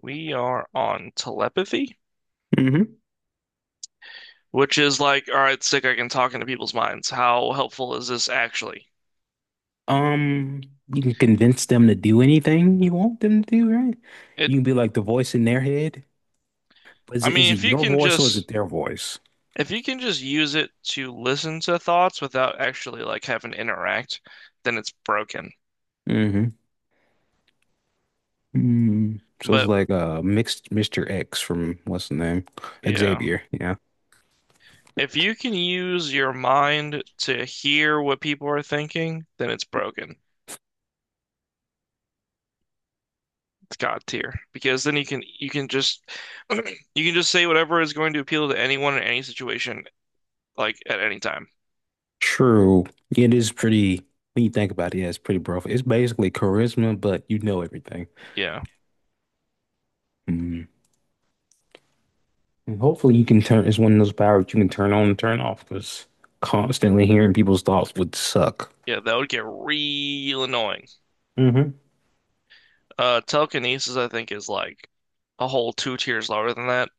We are on telepathy, Hmm. which is like, all right, sick, I can talk into people's minds. How helpful is this actually? Um, you can convince them to do anything you want them to do, right? It, You can be like the voice in their head. But is I it mean, is it if you your can voice or is just it their voice? Use it to listen to thoughts without actually like having to interact, then it's broken. Hmm. So it's But like mixed Mr. X from what's the name? yeah, Xavier. Yeah. if you can use your mind to hear what people are thinking, then it's broken. It's God tier because then you can just you can just say whatever is going to appeal to anyone in any situation, like at any time. True. It is pretty when you think about it, yeah, it's pretty broad. It's basically charisma, but you know everything. Yeah. Mm. And hopefully you can turn it's one of those powers you can turn on and turn off because constantly hearing people's thoughts would suck. Yeah, that would get real annoying. Hmm. Telekinesis, I think, is like a whole two tiers lower than that.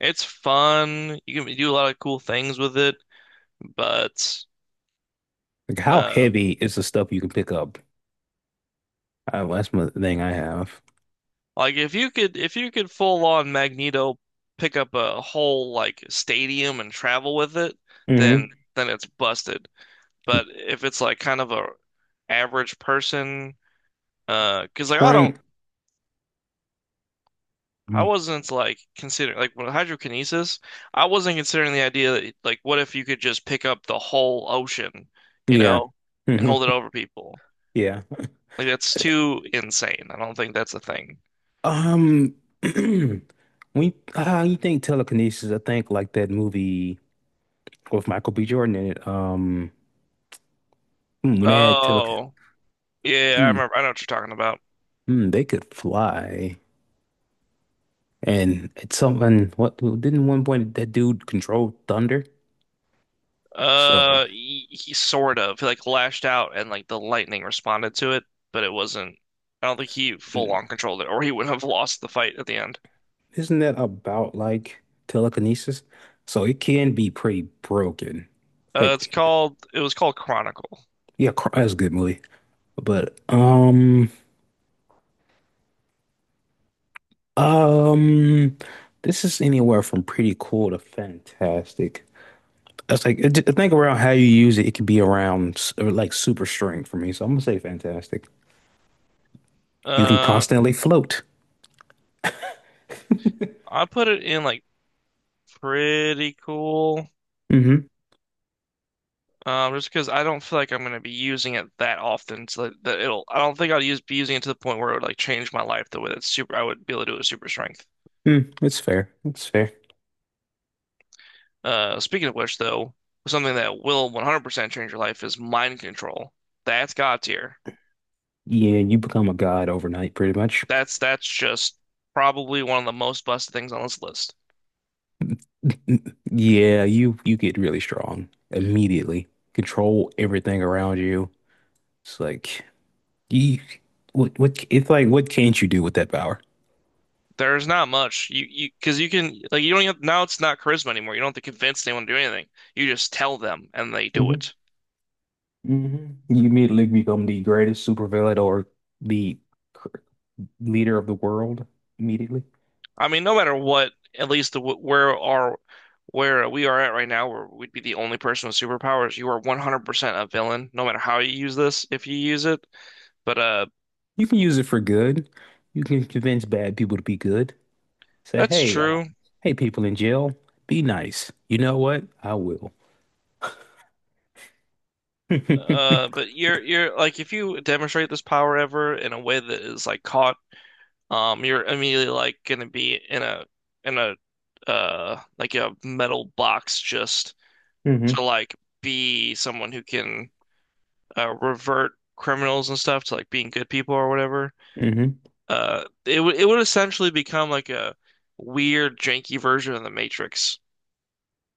It's fun. You can do a lot of cool things with it, but Like, how uh, heavy is the stuff you can pick up? Well, that's my thing I have. like if you could full on Magneto pick up a whole like stadium and travel with it, then Hmm. It's busted. But if it's like kind of a average person, because like I don't. Strength. I Mm. wasn't like considering like when hydrokinesis, I wasn't considering the idea that like what if you could just pick up the whole ocean, you Yeah. know, and Hmm. hold it over people. Yeah. Like that's too insane. I don't think that's a thing. Um, we You think telekinesis? I think like that movie with Michael B. Jordan in it. Mm, when they had tele, Oh, yeah, I mm, remember. I know what you're talking about. mm, They could fly, and it's something. What didn't one point that dude control thunder? So. He sort of like lashed out and like the lightning responded to it, but it wasn't. I don't think he full mm. on controlled it, or he would have lost the fight at the end. Isn't that about like telekinesis? So it can be pretty broken. Like, It was called Chronicle. yeah, that's a good movie. But um, this is anywhere from pretty cool to fantastic. It's like I think around how you use it, it can be around or like super strength for me. So I'm gonna say fantastic. You can Uh, constantly float. I put it in like pretty cool. Mm-hmm. Just because I don't feel like I'm gonna be using it that often, so that, that it'll. I don't think I'll use be using it to the point where it would like change my life the way that's super. I would be able to do it with super strength. It's fair. It's fair. Speaking of which, though, something that will 100% change your life is mind control. That's God tier. Yeah, you become a god overnight, pretty much. That's just probably one of the most busted things on this list. Yeah, you get really strong immediately. Control everything around you. It's like you what can't you do with that power? There's not much you because you can like you don't have, now it's not charisma anymore. You don't have to convince anyone to do anything. You just tell them and they do hmm it. You immediately become the greatest supervillain or the cr- leader of the world immediately. I mean, no matter what, at least where we are at right now, where we'd be the only person with superpowers, you are 100% a villain, no matter how you use this, if you use it. But You can use it for good. You can convince bad people to be good. Say, that's hey, uh, true. hey, people in jail, be nice. You know what? I will. Hmm. But you're like if you demonstrate this power ever in a way that is like caught, you're immediately like gonna be in a in a like a metal box just to like be someone who can revert criminals and stuff to like being good people or whatever. Hmm. It would essentially become like a weird, janky version of the Matrix.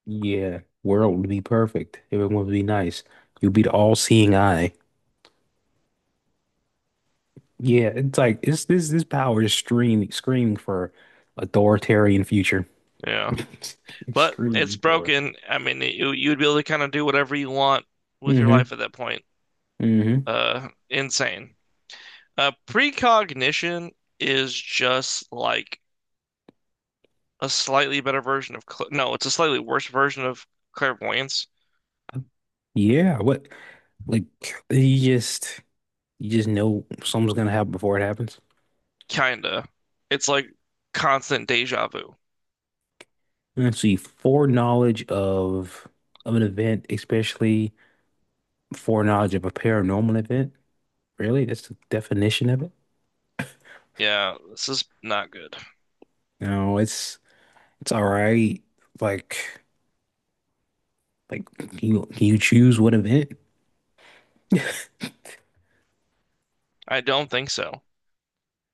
Yeah, world would be perfect. Everyone would be nice. You'd be the all-seeing eye. Yeah, it's like it's this power is screaming screaming for authoritarian future. Yeah, It's but it's screaming for it. broken. I mean, you'd be able to kind of do whatever you want with your Mm-hmm. life at that point. Mm-hmm. Insane. Precognition is just like a slightly better version of cl no, it's a slightly worse version of clairvoyance. Yeah, what like you just you just know something's gonna happen before it happens. Kinda. It's like constant deja vu. Let's see, foreknowledge of an event, especially foreknowledge of a paranormal event. Really? That's the definition of it? Yeah, this is not good. No, It's all right. Like, like, you choose what event? I don't think so.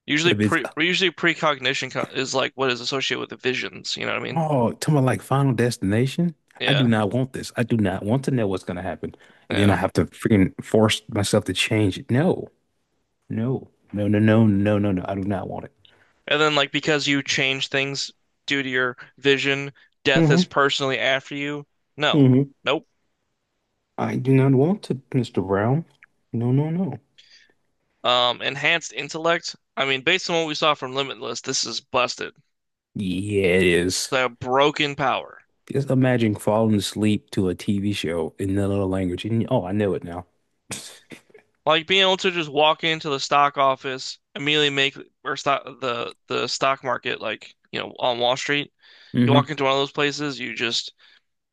If it's Usually precognition is like what is associated with the visions, you know what I mean? Oh, talking about like Final Destination, I Yeah, do not want this. I do not want to know what's gonna happen. And then I yeah. have to freaking force myself to change it. No, no, no, no, no, no, no, no. I do not want it. And then like because you change things due to your vision, death is Hmm. personally after you. No. Hmm. Nope. I do not want it, Mr. Brown. No, no, no. Enhanced intellect. I mean, based on what we saw from Limitless, this is busted. Yeah, it is. They have broken power. Just imagine falling asleep to a TV show in another language. And, oh, I know it now. Like being able to just walk into the stock office, immediately make or stock the stock market, like, you know, on Wall Street. You walk Hmm. into one of those places, you just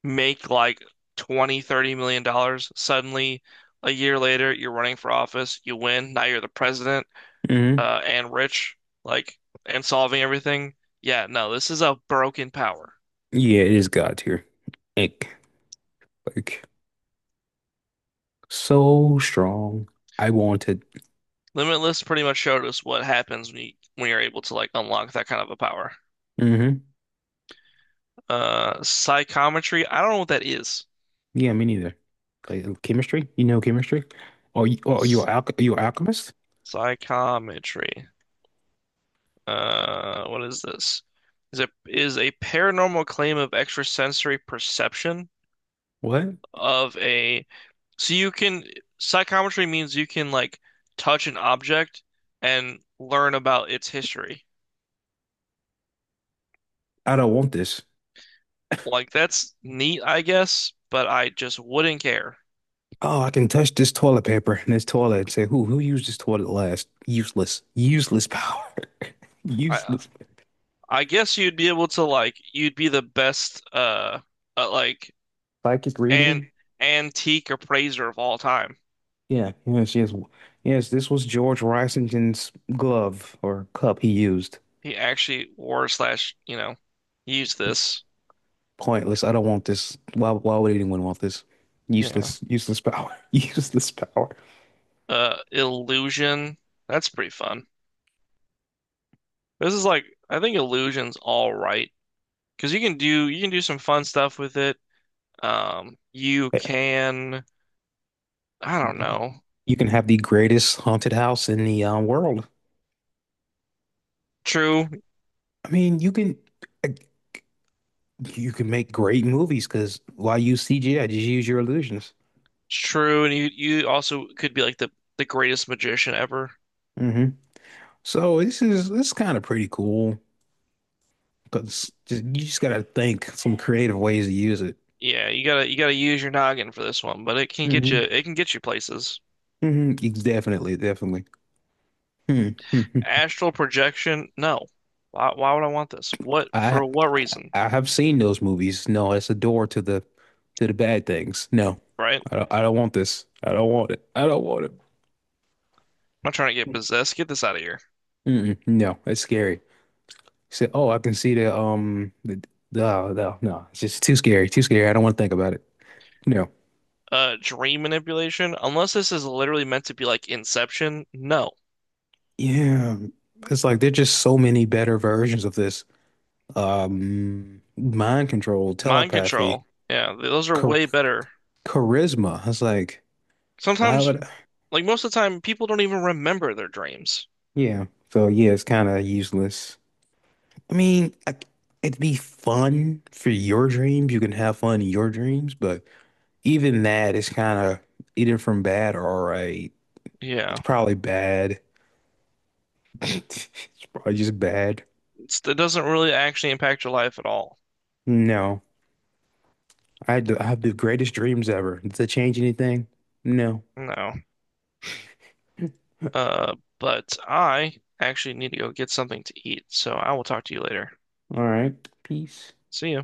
make like twenty, $30 million. Suddenly, a year later, you're running for office, you win, now you're the president, Hmm. And rich, like, and solving everything. Yeah, no, this is a broken power. Yeah, it is God tier. Ick. Like so strong. I wanted. Limitless pretty much showed us what happens when you're able to like unlock that kind of a power. Mm-hmm. Psychometry, I don't know what that is. Yeah, me neither. Like, oh, chemistry? You know chemistry? Are you are you a S- are you an alchemist? Psychometry. What is this? Is a paranormal claim of extrasensory perception What? of a So you can psychometry means you can like touch an object and learn about its history. I don't want this. Like that's neat, I guess, but I just wouldn't care. Oh, I can touch this toilet paper and this toilet and say, who used this toilet last? Useless. Useless power. I Useless. I guess you'd be able to like you'd be the best like Psychic an reading? antique appraiser of all time. Yeah, yes, yes. Yes, this was George Washington's glove or cup he used. He actually wore slash, you know, used this. Pointless. I don't want this. Why would anyone want this? Yeah. Useless, useless power. Useless power. Illusion. That's pretty fun. This is like I think illusion's all right. Because you can do some fun stuff with it. You Yeah, can I don't You know. you can have the greatest haunted house in the world. True, it's I mean, you can make great movies because why use CGI? Just use your illusions. true, and you also could be like the greatest magician ever. hmm So this is kind of pretty cool because you just gotta think some creative ways to use it. Yeah, you gotta use your noggin for this one, but hmm it can get you places. Definitely, definitely. Hmm. Astral projection? No. Why would I want this? What for I what reason? I have seen those movies. No, it's a door to the bad things. No, Right? I I'm don't, I don't want this. I don't want it. I don't want it. not trying to get possessed. Get this out of here. Mm-mm, no, it's scary. Say, oh, I can see the no no, no. It's just too scary. Too scary. I don't want to think about it. No. Dream manipulation? Unless this is literally meant to be like Inception, no. Yeah, it's like there's just so many better versions of this. Mind control, Mind telepathy, control? Yeah, those are char way better. charisma. It's like why Sometimes, would I? like most of the time, people don't even remember their dreams. Yeah. So yeah, it's kind of useless. I mean, it'd be fun for your dreams. You can have fun in your dreams, but even that is kind of either from bad or all right. It's Yeah, probably bad. It's probably just bad. it's, it doesn't really actually impact your life at all. No, I have the greatest dreams ever. Does that change anything? No. No. All But I actually need to go get something to eat, so I will talk to you later. right. Peace. See ya.